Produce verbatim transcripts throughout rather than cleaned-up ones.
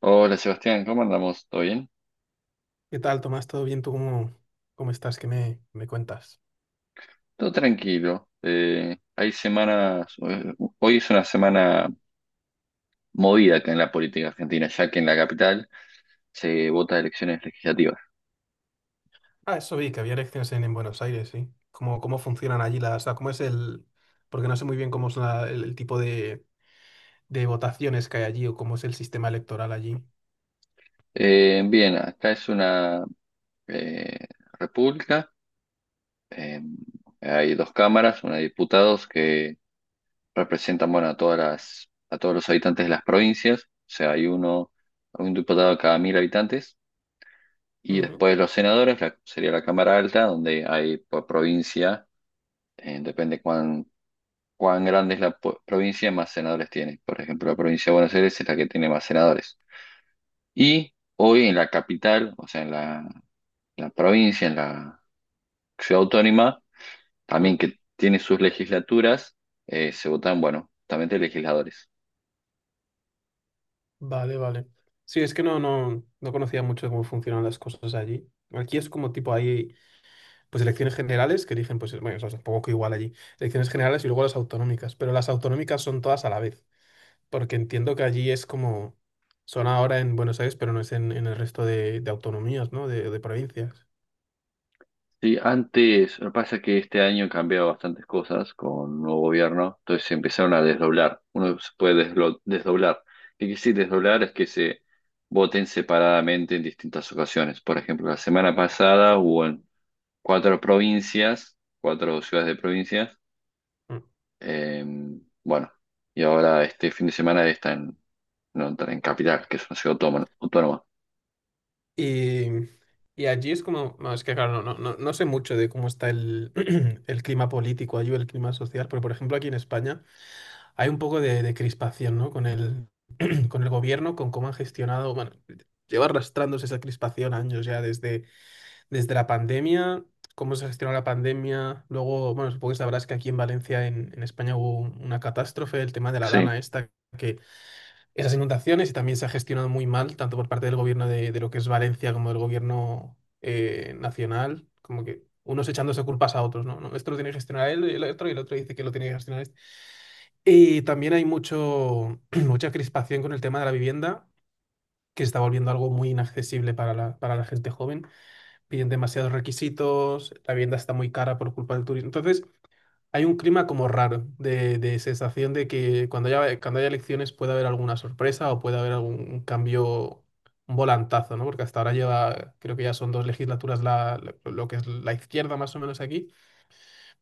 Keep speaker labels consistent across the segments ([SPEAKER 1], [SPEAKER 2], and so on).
[SPEAKER 1] Hola Sebastián, ¿cómo andamos? ¿Todo bien?
[SPEAKER 2] ¿Qué tal, Tomás? ¿Todo bien? ¿Tú cómo, cómo estás? ¿Qué me, me cuentas?
[SPEAKER 1] Todo tranquilo. Eh, hay semanas, eh, hoy es una semana movida acá en la política argentina, ya que en la capital se vota elecciones legislativas.
[SPEAKER 2] Ah, eso vi, que había elecciones en, en Buenos Aires, ¿sí? ¿Cómo, cómo funcionan allí las... O sea, cómo es el... Porque no sé muy bien cómo es la- el, el tipo de, de votaciones que hay allí o cómo es el sistema electoral allí.
[SPEAKER 1] Eh, bien, acá es una eh, república. eh, Hay dos cámaras, una de diputados que representan, bueno, a todas las, a todos los habitantes de las provincias, o sea, hay uno, un diputado cada mil habitantes. Y
[SPEAKER 2] Ujú.
[SPEAKER 1] después los senadores, la- sería la Cámara Alta, donde hay por provincia. Eh, depende cuán, cuán grande es la po- provincia, más senadores tiene. Por ejemplo, la provincia de Buenos Aires es la que tiene más senadores. Y hoy en la capital, o sea, en la, la provincia, en la ciudad autónoma,
[SPEAKER 2] Mm.
[SPEAKER 1] también que tiene sus legislaturas, eh, se votan, bueno, justamente legisladores.
[SPEAKER 2] Vale, vale. Sí, es que no, no, no conocía mucho cómo funcionan las cosas allí. Aquí es como tipo hay pues elecciones generales que eligen, pues, bueno, eso es un poco igual allí. Elecciones generales y luego las autonómicas, pero las autonómicas son todas a la vez. Porque entiendo que allí es como, son ahora en Buenos Aires, pero no es en, en el resto de, de autonomías, ¿no? De, de provincias.
[SPEAKER 1] Sí, antes, lo que pasa es que este año han cambiado bastantes cosas con un nuevo gobierno, entonces se empezaron a desdoblar. Uno se puede deslo- desdoblar. ¿Qué quiere decir desdoblar? Es que se voten separadamente en distintas ocasiones. Por ejemplo, la semana pasada hubo en cuatro provincias, cuatro ciudades de provincias.
[SPEAKER 2] Mm.
[SPEAKER 1] eh, bueno, y ahora este fin de semana está en, no, en Capital, que es una ciudad autónoma. autónoma.
[SPEAKER 2] Y, y allí es como, no, es que claro, no, no, no sé mucho de cómo está el, el clima político allí o el clima social, pero por ejemplo aquí en España hay un poco de, de crispación, ¿no? Con el, con el gobierno, con cómo han gestionado, bueno, lleva arrastrándose esa crispación años ya desde desde la pandemia, cómo se gestionó la pandemia. Luego, bueno, supongo que sabrás que aquí en Valencia, en, en España, hubo un- una catástrofe, el tema de la
[SPEAKER 1] Sí.
[SPEAKER 2] Dana esta, que esas inundaciones y también se ha gestionado muy mal, tanto por parte del gobierno de, de lo que es Valencia como del gobierno eh, nacional, como que unos echándose culpas a otros, ¿no? No, esto lo tiene que gestionar él y el otro, y el otro dice que lo tiene que gestionar este. Y también hay mucho, mucha crispación con el tema de la vivienda, que se está volviendo algo muy inaccesible para la, para la gente joven. Piden demasiados requisitos, la vivienda está muy cara por culpa del turismo. Entonces, hay un clima como raro de, de sensación de que cuando haya, cuando haya elecciones puede haber alguna sorpresa o puede haber algún cambio, un volantazo, ¿no? Porque hasta ahora lleva, creo que ya son dos legislaturas la, lo lo que es la izquierda más o menos aquí,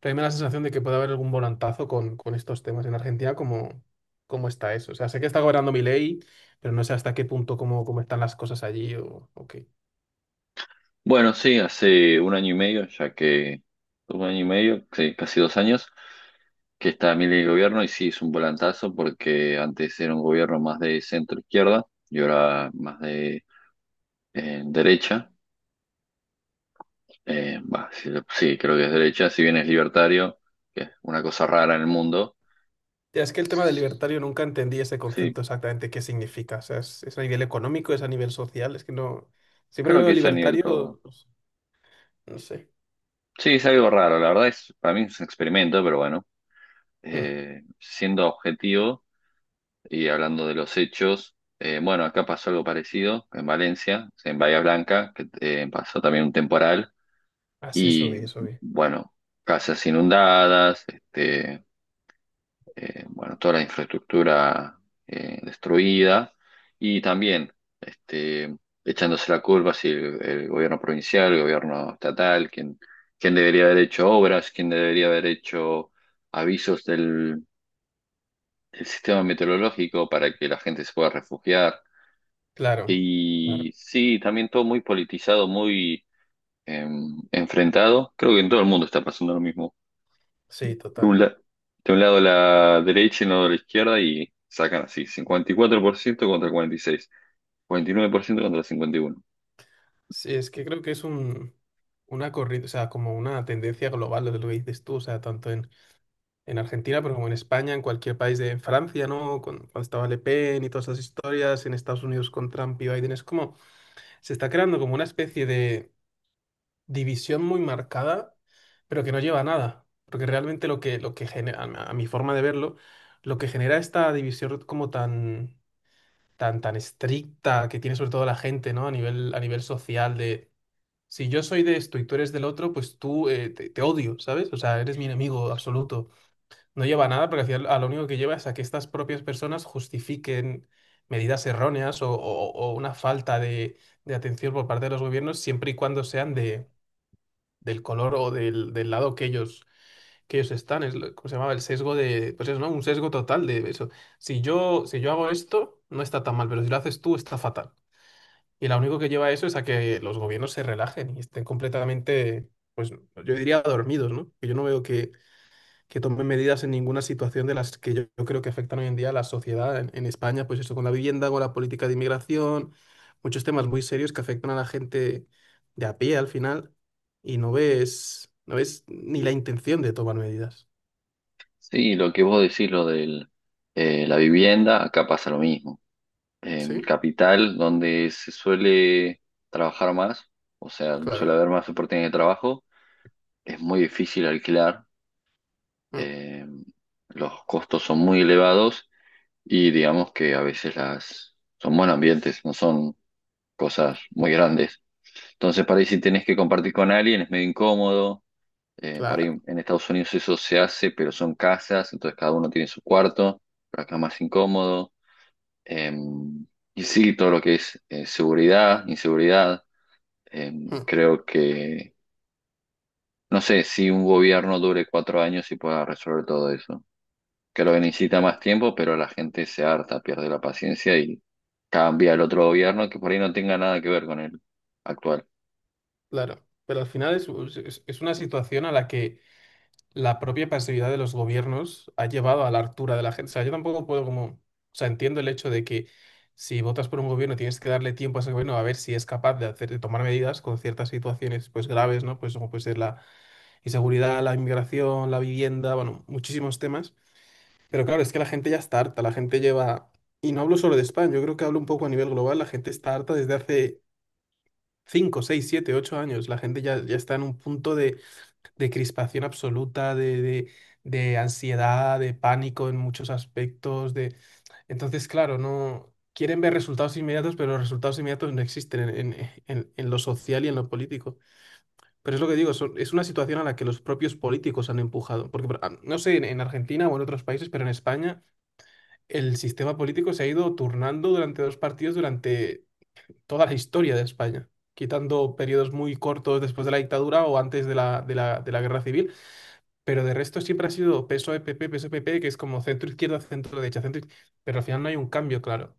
[SPEAKER 2] pero a mí me da la sensación de que puede haber algún volantazo con, con estos temas en Argentina, como, cómo está eso. O sea, sé que está gobernando mi ley, pero no sé hasta qué punto, cómo, cómo están las cosas allí o, o qué.
[SPEAKER 1] Bueno, sí, hace un año y medio, ya que un año y medio, sí, casi dos años, que está Milei en el gobierno, y sí, es un volantazo porque antes era un gobierno más de centro izquierda y ahora más de eh, derecha. Eh, bah, sí, sí, creo que es derecha, si bien es libertario, que es una cosa rara en el mundo.
[SPEAKER 2] Ya. Es que el tema del libertario nunca entendí ese
[SPEAKER 1] Sí,
[SPEAKER 2] concepto exactamente qué significa. O sea, es, es a nivel económico, es a nivel social. Es que no. Siempre que
[SPEAKER 1] creo que
[SPEAKER 2] veo
[SPEAKER 1] es a nivel todo.
[SPEAKER 2] libertario, pues, no sé.
[SPEAKER 1] Sí, es algo raro, la verdad es, para mí es un experimento, pero bueno, eh, siendo objetivo. Y hablando de los hechos, eh, bueno, acá pasó algo parecido en Valencia, en Bahía Blanca, que eh, pasó también un temporal
[SPEAKER 2] Así, eso
[SPEAKER 1] y
[SPEAKER 2] vi, eso vi.
[SPEAKER 1] bueno, casas inundadas, este, eh, bueno, toda la infraestructura eh, destruida y también, este, echándose la culpa si el, el gobierno provincial, el gobierno estatal, quién, quién debería haber hecho obras, quién debería haber hecho avisos del del sistema meteorológico para que la gente se pueda refugiar.
[SPEAKER 2] Claro, claro.
[SPEAKER 1] Y sí, también todo muy politizado, muy em, enfrentado. Creo que en todo el mundo está pasando lo mismo.
[SPEAKER 2] Sí,
[SPEAKER 1] De un,
[SPEAKER 2] total.
[SPEAKER 1] la- de un lado la derecha y de lado la izquierda, y sacan así, cincuenta y cuatro por ciento contra cuarenta y seis, ciento contra cincuenta y uno.
[SPEAKER 2] Sí, es que creo que es un, una corriente, o sea, como una tendencia global lo de lo que dices tú, o sea, tanto en, en Argentina, pero como en España, en cualquier país de en Francia, ¿no? Con- Cuando estaba Le Pen y todas esas historias, en Estados Unidos con Trump y Biden, es como, se está creando como una especie de división muy marcada, pero que no lleva a nada. Porque realmente lo que, lo que, genera, a a mi forma de verlo, lo que genera esta división como tan, tan, tan estricta que tiene sobre todo la gente, ¿no? A nivel, a nivel social de si yo soy de esto y tú eres del otro, pues tú eh, te, te odio, ¿sabes? O sea, eres mi enemigo absoluto. No lleva a nada porque al final a lo único que lleva es a que estas propias personas justifiquen medidas erróneas o, o- o una falta de de atención por parte de los gobiernos siempre y cuando sean de del color o del, del lado que ellos, que ellos están. Es lo- ¿cómo se llamaba? El sesgo de, pues eso, ¿no? Un sesgo total de eso. Si yo, si yo hago esto, no está tan mal, pero si lo haces tú, está fatal. Y lo único que lleva a eso es a que los gobiernos se relajen y estén completamente, pues yo diría dormidos, ¿no? Que yo no veo que que tome medidas en ninguna situación de las que yo, yo creo que afectan hoy en día a la sociedad en, en España, pues eso con la vivienda, con la política de inmigración, muchos temas muy serios que afectan a la gente de a pie al final y no ves, no ves ni la intención de tomar medidas.
[SPEAKER 1] Sí, lo que vos decís, lo de la vivienda, acá pasa lo mismo. En
[SPEAKER 2] ¿Sí?
[SPEAKER 1] Capital, donde se suele trabajar más, o sea, suele
[SPEAKER 2] Claro.
[SPEAKER 1] haber más oportunidades de trabajo, es muy difícil alquilar.
[SPEAKER 2] Mm.
[SPEAKER 1] eh, los costos son muy elevados y digamos que a veces las son buenos ambientes, no son cosas muy grandes. Entonces, para ahí si tenés que compartir con alguien es medio incómodo. Eh, para ahí
[SPEAKER 2] Claro.
[SPEAKER 1] en Estados Unidos eso se hace, pero son casas, entonces cada uno tiene su cuarto, pero acá es más incómodo. Eh, y sí, todo lo que es eh, seguridad, inseguridad. eh,
[SPEAKER 2] Mm.
[SPEAKER 1] Creo que, no sé, si un gobierno dure cuatro años y pueda resolver todo eso. Que lo que necesita más tiempo, pero la gente se harta, pierde la paciencia y cambia el otro gobierno que por ahí no tenga nada que ver con el actual.
[SPEAKER 2] Claro. Pero al final es, es es una situación a la que la propia pasividad de los gobiernos ha llevado a la hartura de la gente. O sea, yo tampoco puedo como, o sea, entiendo el hecho de que si votas por un gobierno tienes que darle tiempo a ese gobierno a ver si es capaz de hacer, de tomar medidas con ciertas situaciones pues graves, ¿no? Pues como puede ser la inseguridad, la inmigración, la vivienda, bueno, muchísimos temas. Pero claro, es que la gente ya está harta, la gente lleva, y no hablo solo de España, yo creo que hablo un poco a nivel global, la gente está harta desde hace cinco seis siete ocho años, la gente ya, ya está en un punto de crispación absoluta, de, de- de ansiedad, de pánico en muchos aspectos, de... Entonces, claro, no. Quieren ver resultados inmediatos, pero los resultados inmediatos no existen en, en- en- en lo social y en lo político. Pero es lo que digo, son- es una situación a la que los propios políticos han empujado. Porque, por- ah, no sé, en, en Argentina o en otros países, pero en España el sistema político se ha ido turnando durante dos partidos durante toda la historia de España, quitando periodos muy cortos después de la dictadura o antes de la, de la de la guerra civil. Pero de resto siempre ha sido peso pp peso pp, que es como centro-izquierda, centro-derecha, centro derecha, centro iz- Pero al final no hay un cambio, claro.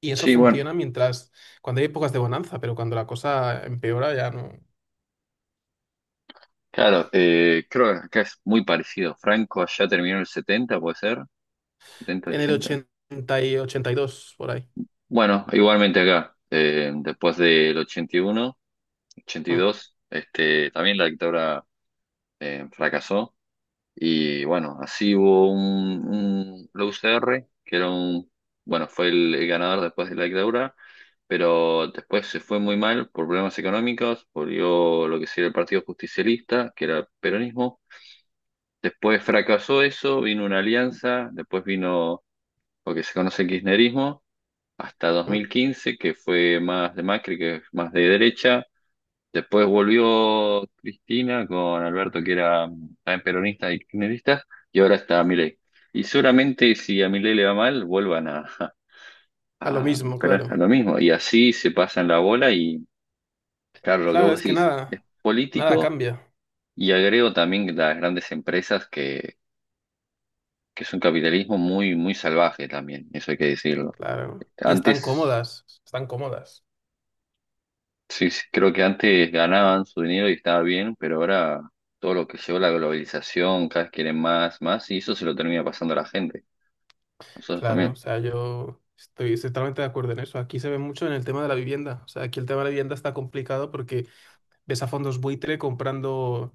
[SPEAKER 2] Y eso
[SPEAKER 1] Sí, bueno,
[SPEAKER 2] funciona mientras, cuando hay épocas de bonanza, pero cuando la cosa empeora ya no.
[SPEAKER 1] claro. Eh, creo que acá es muy parecido. Franco ya terminó el setenta, puede ser, setenta
[SPEAKER 2] En el
[SPEAKER 1] ochenta.
[SPEAKER 2] ochenta y ochenta y dos por ahí.
[SPEAKER 1] Bueno, igualmente acá, eh, después del ochenta ochenta y uno ochenta y
[SPEAKER 2] Mm,
[SPEAKER 1] dos, este, también la dictadura eh, fracasó. Y bueno, así hubo un, un- la U C R, que era un, bueno, fue el, el ganador después de la dictadura, pero después se fue muy mal por problemas económicos. Volvió lo que sería el Partido Justicialista, que era el peronismo. Después fracasó eso, vino una alianza, después vino lo que se conoce el kirchnerismo, hasta dos
[SPEAKER 2] mm.
[SPEAKER 1] mil quince que fue más de Macri, que es más de derecha. Después volvió Cristina con Alberto, que era mm, también peronista y kirchnerista, y ahora está Milei. Y seguramente si a Milei le va mal, vuelvan a,
[SPEAKER 2] A lo
[SPEAKER 1] a,
[SPEAKER 2] mismo,
[SPEAKER 1] pero a
[SPEAKER 2] claro.
[SPEAKER 1] lo mismo. Y así se pasan la bola. Y, claro, lo que
[SPEAKER 2] Claro,
[SPEAKER 1] vos
[SPEAKER 2] es que
[SPEAKER 1] decís es
[SPEAKER 2] nada, nada
[SPEAKER 1] político,
[SPEAKER 2] cambia,
[SPEAKER 1] y agrego también las grandes empresas, que, que es un capitalismo muy, muy salvaje también, eso hay que decirlo.
[SPEAKER 2] claro. Y están
[SPEAKER 1] Antes.
[SPEAKER 2] cómodas, están cómodas.
[SPEAKER 1] Sí, sí, creo que antes ganaban su dinero y estaba bien, pero ahora todo lo que llevó la globalización, cada vez quieren más, más, y eso se lo termina pasando a la gente, nosotros
[SPEAKER 2] Claro,
[SPEAKER 1] también.
[SPEAKER 2] o sea, yo estoy totalmente de acuerdo en eso. Aquí se ve mucho en el tema de la vivienda. O sea, aquí el tema de la vivienda está complicado porque ves a fondos buitre comprando,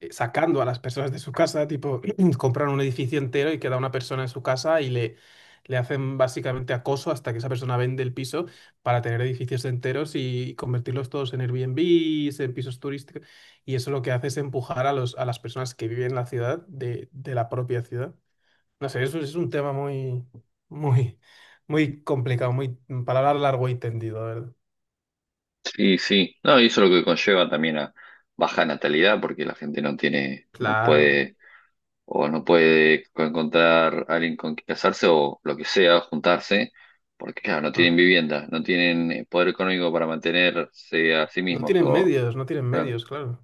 [SPEAKER 2] eh, sacando a las personas de su casa, tipo, compran un edificio entero y queda una persona en su casa y le, le hacen básicamente acoso hasta que esa persona vende el piso para tener edificios enteros y convertirlos todos en Airbnb, en pisos turísticos. Y eso lo que hace es empujar a los, a las personas que viven en la ciudad de, de la propia ciudad. No sé, eso es un tema muy, muy, muy complicado, muy, para hablar largo y tendido, la ¿verdad?
[SPEAKER 1] Sí, sí, no, y eso es lo que conlleva también a baja natalidad, porque la gente no tiene, no
[SPEAKER 2] Claro.
[SPEAKER 1] puede, o no puede encontrar a alguien con quien casarse o lo que sea, juntarse, porque claro, no
[SPEAKER 2] Mm.
[SPEAKER 1] tienen vivienda, no tienen eh, poder económico para mantenerse a sí
[SPEAKER 2] No
[SPEAKER 1] mismos,
[SPEAKER 2] tienen
[SPEAKER 1] o,
[SPEAKER 2] medios, no tienen
[SPEAKER 1] claro,
[SPEAKER 2] medios, claro.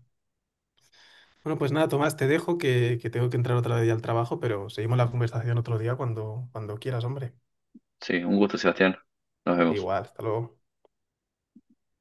[SPEAKER 2] Bueno, pues nada, Tomás, te dejo que, que tengo que entrar otra vez ya al trabajo, pero seguimos la conversación otro día cuando, cuando quieras, hombre.
[SPEAKER 1] sí, un gusto, Sebastián, nos vemos.
[SPEAKER 2] Igual, hasta luego.